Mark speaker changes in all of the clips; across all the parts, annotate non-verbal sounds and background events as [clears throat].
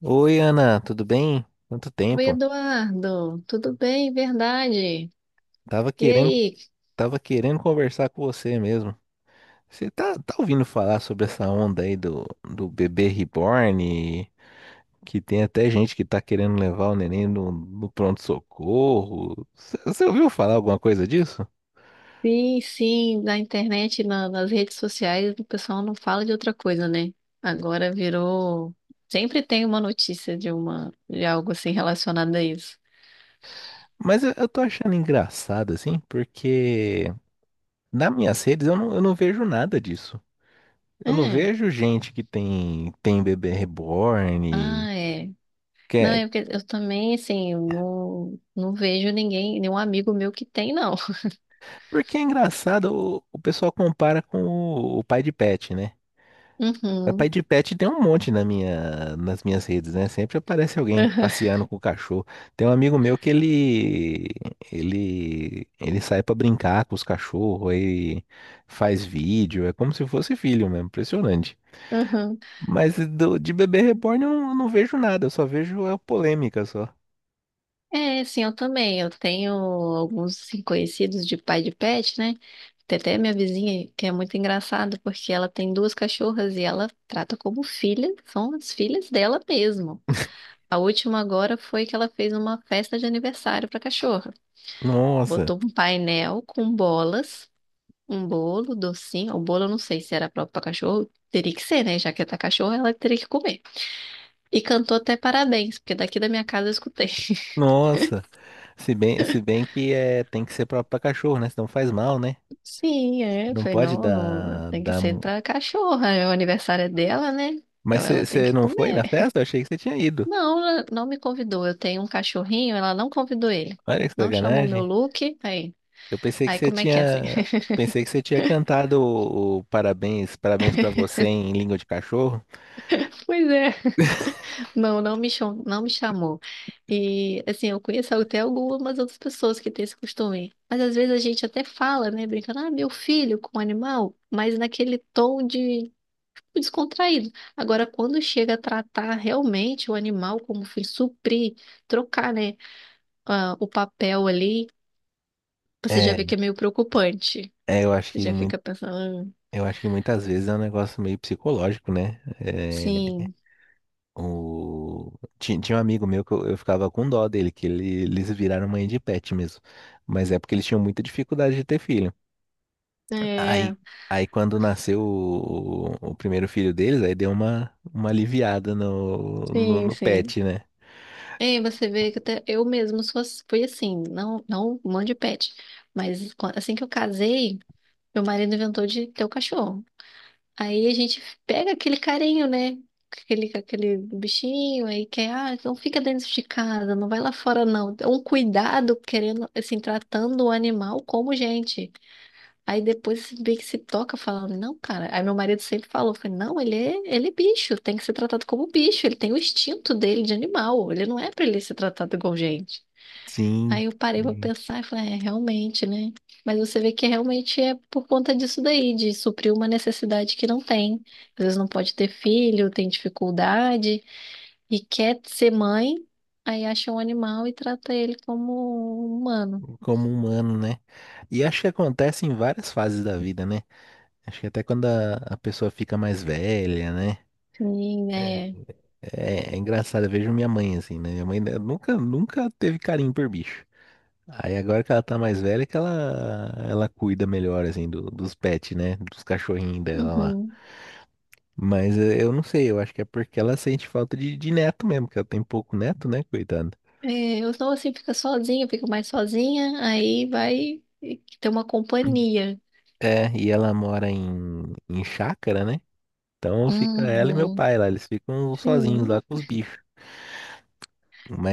Speaker 1: Oi, Ana, tudo bem? Quanto
Speaker 2: Oi,
Speaker 1: tempo?
Speaker 2: Eduardo, tudo bem? Verdade.
Speaker 1: Tava
Speaker 2: E
Speaker 1: querendo,
Speaker 2: aí?
Speaker 1: tava querendo conversar com você mesmo. Você tá ouvindo falar sobre essa onda aí do bebê reborn? Que tem até gente que tá querendo levar o neném no pronto-socorro. Você ouviu falar alguma coisa disso?
Speaker 2: Sim, sim, na internet, nas redes sociais, o pessoal não fala de outra coisa, né? Agora virou. Sempre tem uma notícia de algo assim relacionado a isso.
Speaker 1: Mas eu tô achando engraçado, assim, porque nas minhas redes eu não vejo nada disso. Eu não
Speaker 2: É,
Speaker 1: vejo gente que tem bebê reborn.
Speaker 2: ah, é. Não, é porque eu também, assim, eu não vejo ninguém, nenhum amigo meu que tem, não.
Speaker 1: Porque é engraçado, o pessoal compara com o pai de pet, né?
Speaker 2: [laughs]
Speaker 1: O pai
Speaker 2: Uhum.
Speaker 1: de pet tem um monte nas minhas redes, né? Sempre aparece alguém passeando com o cachorro. Tem um amigo meu ele sai pra brincar com os cachorros, aí faz vídeo, é como se fosse filho mesmo, impressionante.
Speaker 2: Uhum.
Speaker 1: Mas de bebê reborn eu não vejo nada, eu só vejo a polêmica só.
Speaker 2: É, sim, eu também. Eu tenho alguns assim, conhecidos de pai de pet, né? Tem até minha vizinha, que é muito engraçado, porque ela tem duas cachorras e ela trata como filha, são as filhas dela mesmo. A última agora foi que ela fez uma festa de aniversário para cachorra.
Speaker 1: Nossa,
Speaker 2: Botou um painel com bolas, um bolo, docinho. O bolo eu não sei se era próprio para cachorro, teria que ser, né? Já que é da cachorra, ela teria que comer. E cantou até parabéns, porque daqui da minha casa eu escutei.
Speaker 1: nossa. Se bem que é, tem que ser pra cachorro, né? Senão faz mal, né?
Speaker 2: Sim, é. Eu
Speaker 1: Não
Speaker 2: falei,
Speaker 1: pode
Speaker 2: não, não,
Speaker 1: dar,
Speaker 2: tem que
Speaker 1: dar...
Speaker 2: ser pra cachorra. É, o aniversário é dela, né?
Speaker 1: Mas
Speaker 2: Então ela tem
Speaker 1: você
Speaker 2: que
Speaker 1: não foi na
Speaker 2: comer.
Speaker 1: festa? Eu achei que você tinha ido.
Speaker 2: Não, ela não me convidou. Eu tenho um cachorrinho, ela não convidou ele.
Speaker 1: Olha que
Speaker 2: Não chamou meu
Speaker 1: sacanagem.
Speaker 2: look. Aí,
Speaker 1: Eu pensei que
Speaker 2: aí
Speaker 1: você
Speaker 2: como é que é assim?
Speaker 1: tinha...
Speaker 2: [laughs]
Speaker 1: Pensei que você tinha cantado o parabéns, parabéns pra você em língua de cachorro.
Speaker 2: Pois é. Não, não me chamou, não me chamou. E assim, eu conheço até algumas outras pessoas que têm esse costume. Mas às vezes a gente até fala, né, brincando, ah, meu filho com um animal, mas naquele tom de descontraído. Agora, quando chega a tratar realmente o animal como fim, suprir, trocar, né, ah, o papel ali, você já
Speaker 1: É,
Speaker 2: vê que é meio preocupante.
Speaker 1: eu acho
Speaker 2: Você
Speaker 1: que
Speaker 2: já
Speaker 1: muito,
Speaker 2: fica pensando, "Ah,
Speaker 1: eu acho que muitas vezes é um negócio meio psicológico, né?
Speaker 2: sim,
Speaker 1: O, tinha um amigo meu que eu ficava com dó dele, eles viraram mãe de pet mesmo. Mas é porque eles tinham muita dificuldade de ter filho.
Speaker 2: é,
Speaker 1: Aí, aí quando nasceu o primeiro filho deles, aí deu uma aliviada no, no,
Speaker 2: sim,
Speaker 1: no
Speaker 2: sim.
Speaker 1: pet, né?
Speaker 2: E você vê que até eu mesmo fui assim, não, não mande pet, mas assim que eu casei, meu marido inventou de ter o cachorro. Aí a gente pega aquele carinho, né? Aquele bichinho aí que é, ah, não fica dentro de casa, não vai lá fora, não. É um cuidado querendo, assim, tratando o animal como gente. Aí depois você vê que se toca falando, não, cara. Aí meu marido sempre falou, foi, não, ele é bicho, tem que ser tratado como bicho, ele tem o instinto dele de animal, ele não é pra ele ser tratado igual gente.
Speaker 1: Sim,
Speaker 2: Aí eu parei pra pensar e falei, é, realmente, né? Mas você vê que realmente é por conta disso daí, de suprir uma necessidade que não tem. Às vezes não pode ter filho, tem dificuldade e quer ser mãe, aí acha um animal e trata ele como um humano.
Speaker 1: como humano, né? E acho que acontece em várias fases da vida, né? Acho que até quando a pessoa fica mais velha, né?
Speaker 2: Sim,
Speaker 1: É,
Speaker 2: é.
Speaker 1: é engraçado, eu vejo minha mãe assim, né? Minha mãe né, nunca teve carinho por bicho. Aí agora que ela tá mais velha, é que ela cuida melhor, assim, dos pets, né? Dos cachorrinhos dela.
Speaker 2: Uhum.
Speaker 1: Mas eu não sei, eu acho que é porque ela sente falta de neto mesmo, que ela tem pouco neto, né, coitada.
Speaker 2: É, eu sou assim, fica sozinha, fico mais sozinha, aí vai ter uma
Speaker 1: [clears throat]
Speaker 2: companhia.
Speaker 1: É, e ela mora em chácara, né? Então fica ela e meu
Speaker 2: Uhum.
Speaker 1: pai lá, eles ficam sozinhos lá
Speaker 2: Sim.
Speaker 1: com os bichos.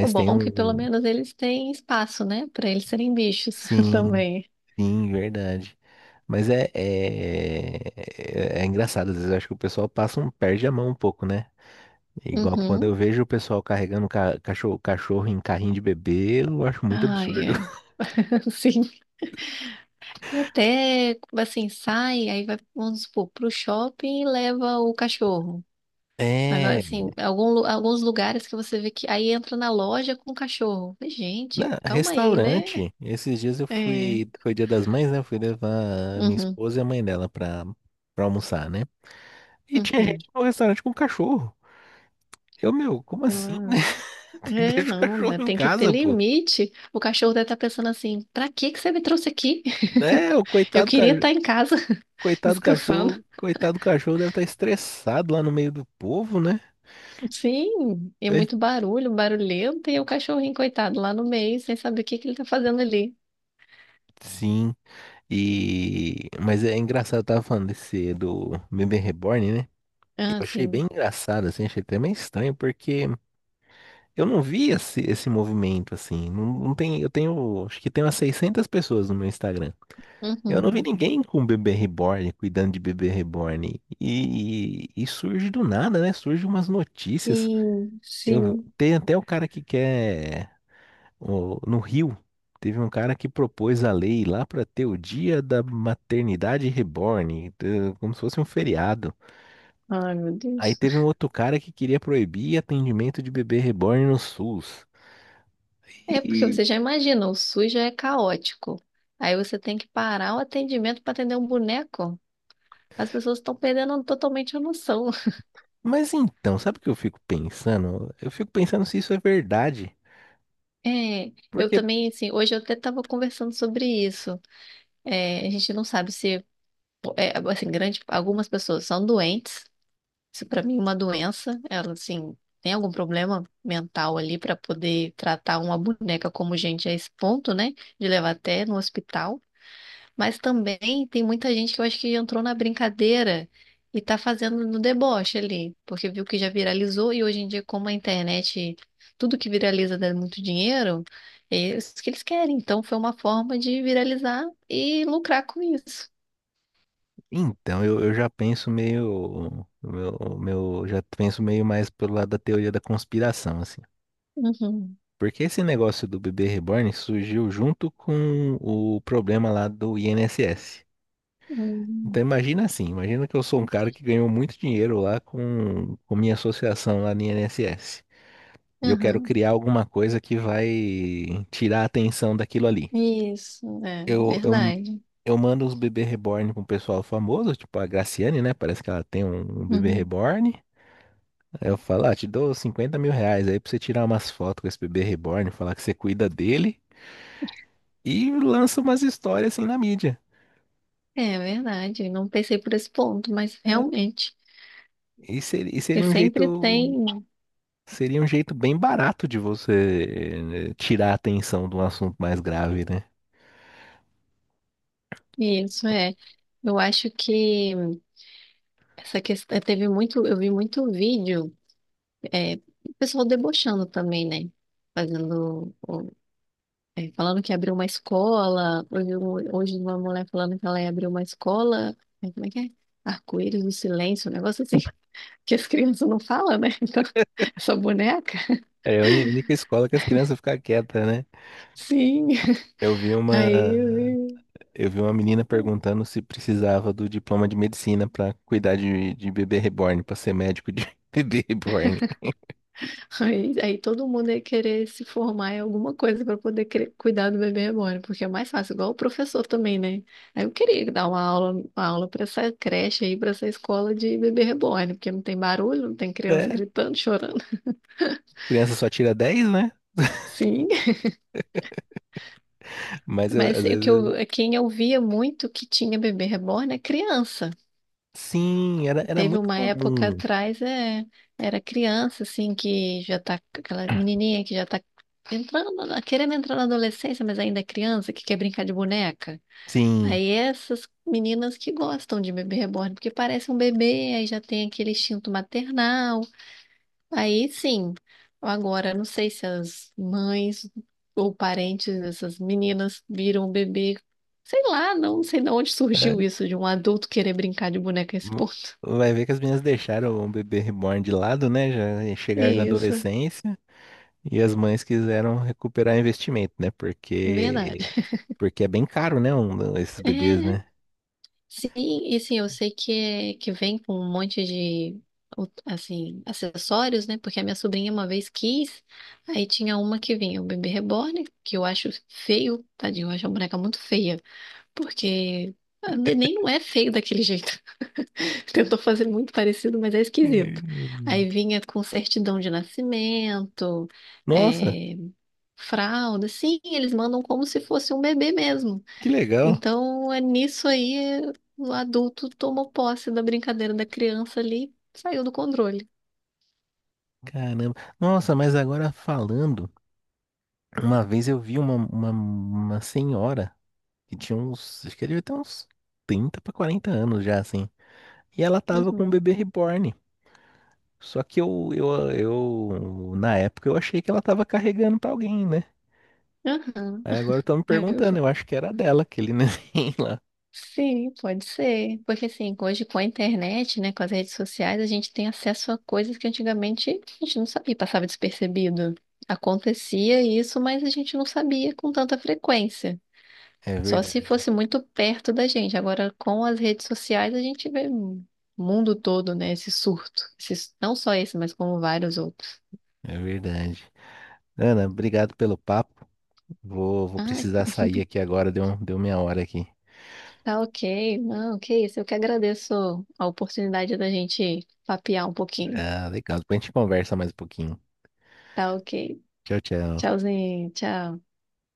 Speaker 2: O
Speaker 1: tem
Speaker 2: bom é que pelo
Speaker 1: um.
Speaker 2: menos eles têm espaço, né? Para eles serem bichos [laughs]
Speaker 1: Sim,
Speaker 2: também.
Speaker 1: sim, verdade. Mas é engraçado, às vezes eu acho que o pessoal passa um, perde a mão um pouco, né? Igual quando
Speaker 2: Uhum.
Speaker 1: eu vejo o pessoal carregando cachorro em carrinho de bebê, eu acho muito
Speaker 2: Ai,
Speaker 1: absurdo.
Speaker 2: é.
Speaker 1: [laughs]
Speaker 2: [laughs] Sim. E até, assim, sai, aí vai, vamos supor, pro shopping e leva o cachorro. Aí vai,
Speaker 1: É,
Speaker 2: assim, alguns lugares que você vê que aí entra na loja com o cachorro. Falei,
Speaker 1: né,
Speaker 2: gente, calma aí, né?
Speaker 1: restaurante. Esses dias eu
Speaker 2: É.
Speaker 1: fui, foi Dia das Mães, né? Eu fui levar a minha
Speaker 2: Uhum.
Speaker 1: esposa e a mãe dela pra almoçar, né? E tinha
Speaker 2: Uhum.
Speaker 1: gente no restaurante com cachorro. Eu, meu, como assim,
Speaker 2: Ela-
Speaker 1: né? [laughs]
Speaker 2: É,
Speaker 1: Deixa o
Speaker 2: não,
Speaker 1: cachorro
Speaker 2: né,
Speaker 1: em
Speaker 2: tem que ter
Speaker 1: casa, pô.
Speaker 2: limite. O cachorro deve estar pensando assim: pra que que você me trouxe aqui?
Speaker 1: É, o
Speaker 2: [laughs] Eu
Speaker 1: coitado,
Speaker 2: queria estar em casa. Descansando.
Speaker 1: coitado cachorro deve estar estressado lá no meio do povo, né?
Speaker 2: Sim, e
Speaker 1: É,
Speaker 2: muito barulho, barulhento, e o cachorrinho, coitado, lá no meio, sem saber o que que ele tá fazendo ali.
Speaker 1: sim. E mas é engraçado, eu tava falando desse do bebê reborn, né? Eu
Speaker 2: Ah,
Speaker 1: achei bem
Speaker 2: sim.
Speaker 1: engraçado, assim, achei até meio estranho, porque eu não vi esse movimento assim. Não, não tem, eu tenho, acho que tem umas 600 pessoas no meu Instagram. Eu não vi
Speaker 2: Uhum.
Speaker 1: ninguém com um bebê reborn, cuidando de bebê reborn. E surge do nada, né? Surge umas notícias.
Speaker 2: Sim,
Speaker 1: Eu,
Speaker 2: sim.
Speaker 1: tem até o cara que quer. No Rio, teve um cara que propôs a lei lá para ter o dia da maternidade reborn, como se fosse um feriado.
Speaker 2: Ai, meu
Speaker 1: Aí
Speaker 2: Deus.
Speaker 1: teve um outro cara que queria proibir atendimento de bebê reborn no SUS.
Speaker 2: É porque você já imagina, o SUS já é caótico. Aí você tem que parar o atendimento para atender um boneco. As pessoas estão perdendo totalmente a noção.
Speaker 1: Mas então, sabe o que eu fico pensando? Eu fico pensando se isso é verdade.
Speaker 2: É, eu
Speaker 1: Porque,
Speaker 2: também, assim, hoje eu até estava conversando sobre isso. É, a gente não sabe se, é, assim, grande, algumas pessoas são doentes. Isso para mim é uma doença. Ela, assim, tem algum problema mental ali para poder tratar uma boneca como gente a esse ponto, né? De levar até no hospital. Mas também tem muita gente que eu acho que entrou na brincadeira e tá fazendo no deboche ali, porque viu que já viralizou e hoje em dia, como a internet, tudo que viraliza dá muito dinheiro, é isso que eles querem. Então foi uma forma de viralizar e lucrar com isso.
Speaker 1: então, eu já penso meio, já penso meio mais pelo lado da teoria da conspiração, assim.
Speaker 2: Uhum.
Speaker 1: Porque esse negócio do bebê reborn surgiu junto com o problema lá do INSS. Então,
Speaker 2: Uhum.
Speaker 1: imagina assim, imagina que eu sou um cara que ganhou muito dinheiro lá com minha associação lá no INSS. E eu quero
Speaker 2: Uhum.
Speaker 1: criar alguma coisa que vai tirar a atenção daquilo ali.
Speaker 2: Isso, é
Speaker 1: Eu, eu
Speaker 2: verdade.
Speaker 1: Eu mando os bebê reborn pro pessoal famoso, tipo a Graciane, né? Parece que ela tem um bebê
Speaker 2: Uhum.
Speaker 1: reborn. Aí eu falo, ah, te dou R$ 50.000 aí pra você tirar umas fotos com esse bebê reborn, falar que você cuida dele e lança umas histórias assim na mídia.
Speaker 2: É verdade, não pensei por esse ponto, mas realmente,
Speaker 1: E seria, e
Speaker 2: porque
Speaker 1: seria um
Speaker 2: sempre
Speaker 1: jeito,
Speaker 2: tem
Speaker 1: seria um jeito bem barato de você tirar a atenção de um assunto mais grave, né?
Speaker 2: isso, é. Eu acho que essa questão teve muito, eu vi muito vídeo, é, o pessoal debochando também, né? Fazendo, é, falando que abriu uma escola. Hoje uma mulher falando que ela ia abrir uma escola. Como é que é? Arco-íris do silêncio, um negócio assim, [laughs] que as crianças não falam, né? Então, [laughs] essa boneca.
Speaker 1: É a única escola que as crianças ficam quietas, né?
Speaker 2: Sim.
Speaker 1: Eu vi uma,
Speaker 2: Aí,
Speaker 1: eu vi uma menina perguntando se precisava do diploma de medicina pra cuidar de bebê reborn, pra ser médico de [laughs] bebê reborn.
Speaker 2: aí, todo mundo ia querer se formar em alguma coisa para poder cuidar do bebê reborn, porque é mais fácil, igual o professor também, né? Aí eu queria dar uma aula para essa creche aí, para essa escola de bebê reborn, porque não tem barulho, não tem criança
Speaker 1: É,
Speaker 2: gritando, chorando. [laughs]
Speaker 1: criança só tira dez, né?
Speaker 2: Sim, mas
Speaker 1: Às vezes.
Speaker 2: quem eu via muito que tinha bebê reborn é criança.
Speaker 1: Sim, era
Speaker 2: Teve
Speaker 1: muito
Speaker 2: uma época
Speaker 1: comum.
Speaker 2: atrás, é, era criança, assim, que já tá, aquela menininha que já tá entrando, querendo entrar na adolescência, mas ainda é criança, que quer brincar de boneca.
Speaker 1: Sim.
Speaker 2: Aí essas meninas que gostam de bebê reborn, porque parece um bebê, aí já tem aquele instinto maternal. Aí sim, agora não sei se as mães ou parentes dessas meninas viram o bebê, sei lá, não sei de onde
Speaker 1: É,
Speaker 2: surgiu isso, de um adulto querer brincar de boneca a esse
Speaker 1: M-
Speaker 2: ponto.
Speaker 1: vai ver que as meninas deixaram o bebê reborn de lado, né? Já
Speaker 2: [laughs]
Speaker 1: chegaram na
Speaker 2: Isso.
Speaker 1: adolescência e as mães quiseram recuperar investimento, né? Porque,
Speaker 2: Verdade.
Speaker 1: porque é bem caro, né? Um, esses
Speaker 2: É,
Speaker 1: bebês, né?
Speaker 2: sim, e sim, eu sei que, que vem com um monte de, assim, acessórios, né? Porque a minha sobrinha uma vez quis, aí tinha uma que vinha o bebê reborn, que eu acho feio, tadinho, eu acho a boneca muito feia, porque a neném não é feio daquele jeito. [laughs] Tentou fazer muito parecido, mas é esquisito.
Speaker 1: Hum,
Speaker 2: Aí vinha com certidão de nascimento,
Speaker 1: nossa,
Speaker 2: é, fralda, sim, eles mandam como se fosse um bebê mesmo.
Speaker 1: que legal.
Speaker 2: Então, é nisso aí, o adulto tomou posse da brincadeira da criança ali, saiu do controle.
Speaker 1: Caramba. Nossa, mas agora falando, uma vez eu vi uma senhora que tinha uns, acho que ela devia ter uns 30 para 40 anos já, assim. E ela tava com um
Speaker 2: Uhum.
Speaker 1: bebê reborn. Só que na época eu achei que ela tava carregando pra alguém, né?
Speaker 2: Aham.
Speaker 1: Aí agora estão me
Speaker 2: Aí eu
Speaker 1: perguntando,
Speaker 2: fa-
Speaker 1: eu acho que era dela, aquele [laughs] neném lá.
Speaker 2: Sim, pode ser. Porque assim, hoje com a internet, né, com as redes sociais, a gente tem acesso a coisas que antigamente a gente não sabia, passava despercebido. Acontecia isso, mas a gente não sabia com tanta frequência.
Speaker 1: É
Speaker 2: Só se
Speaker 1: verdade,
Speaker 2: fosse muito perto da gente. Agora, com as redes sociais, a gente vê o mundo todo, né? Esse surto. Não só esse, mas como vários outros.
Speaker 1: é verdade. Ana, obrigado pelo papo. Vou
Speaker 2: Ah,
Speaker 1: precisar sair aqui agora, deu minha hora aqui.
Speaker 2: tá ok. Não, que isso. Eu que agradeço a oportunidade da gente papear um pouquinho.
Speaker 1: Ah, legal, depois a gente conversa mais um pouquinho.
Speaker 2: Tá ok.
Speaker 1: Tchau, tchau.
Speaker 2: Tchauzinho, tchau.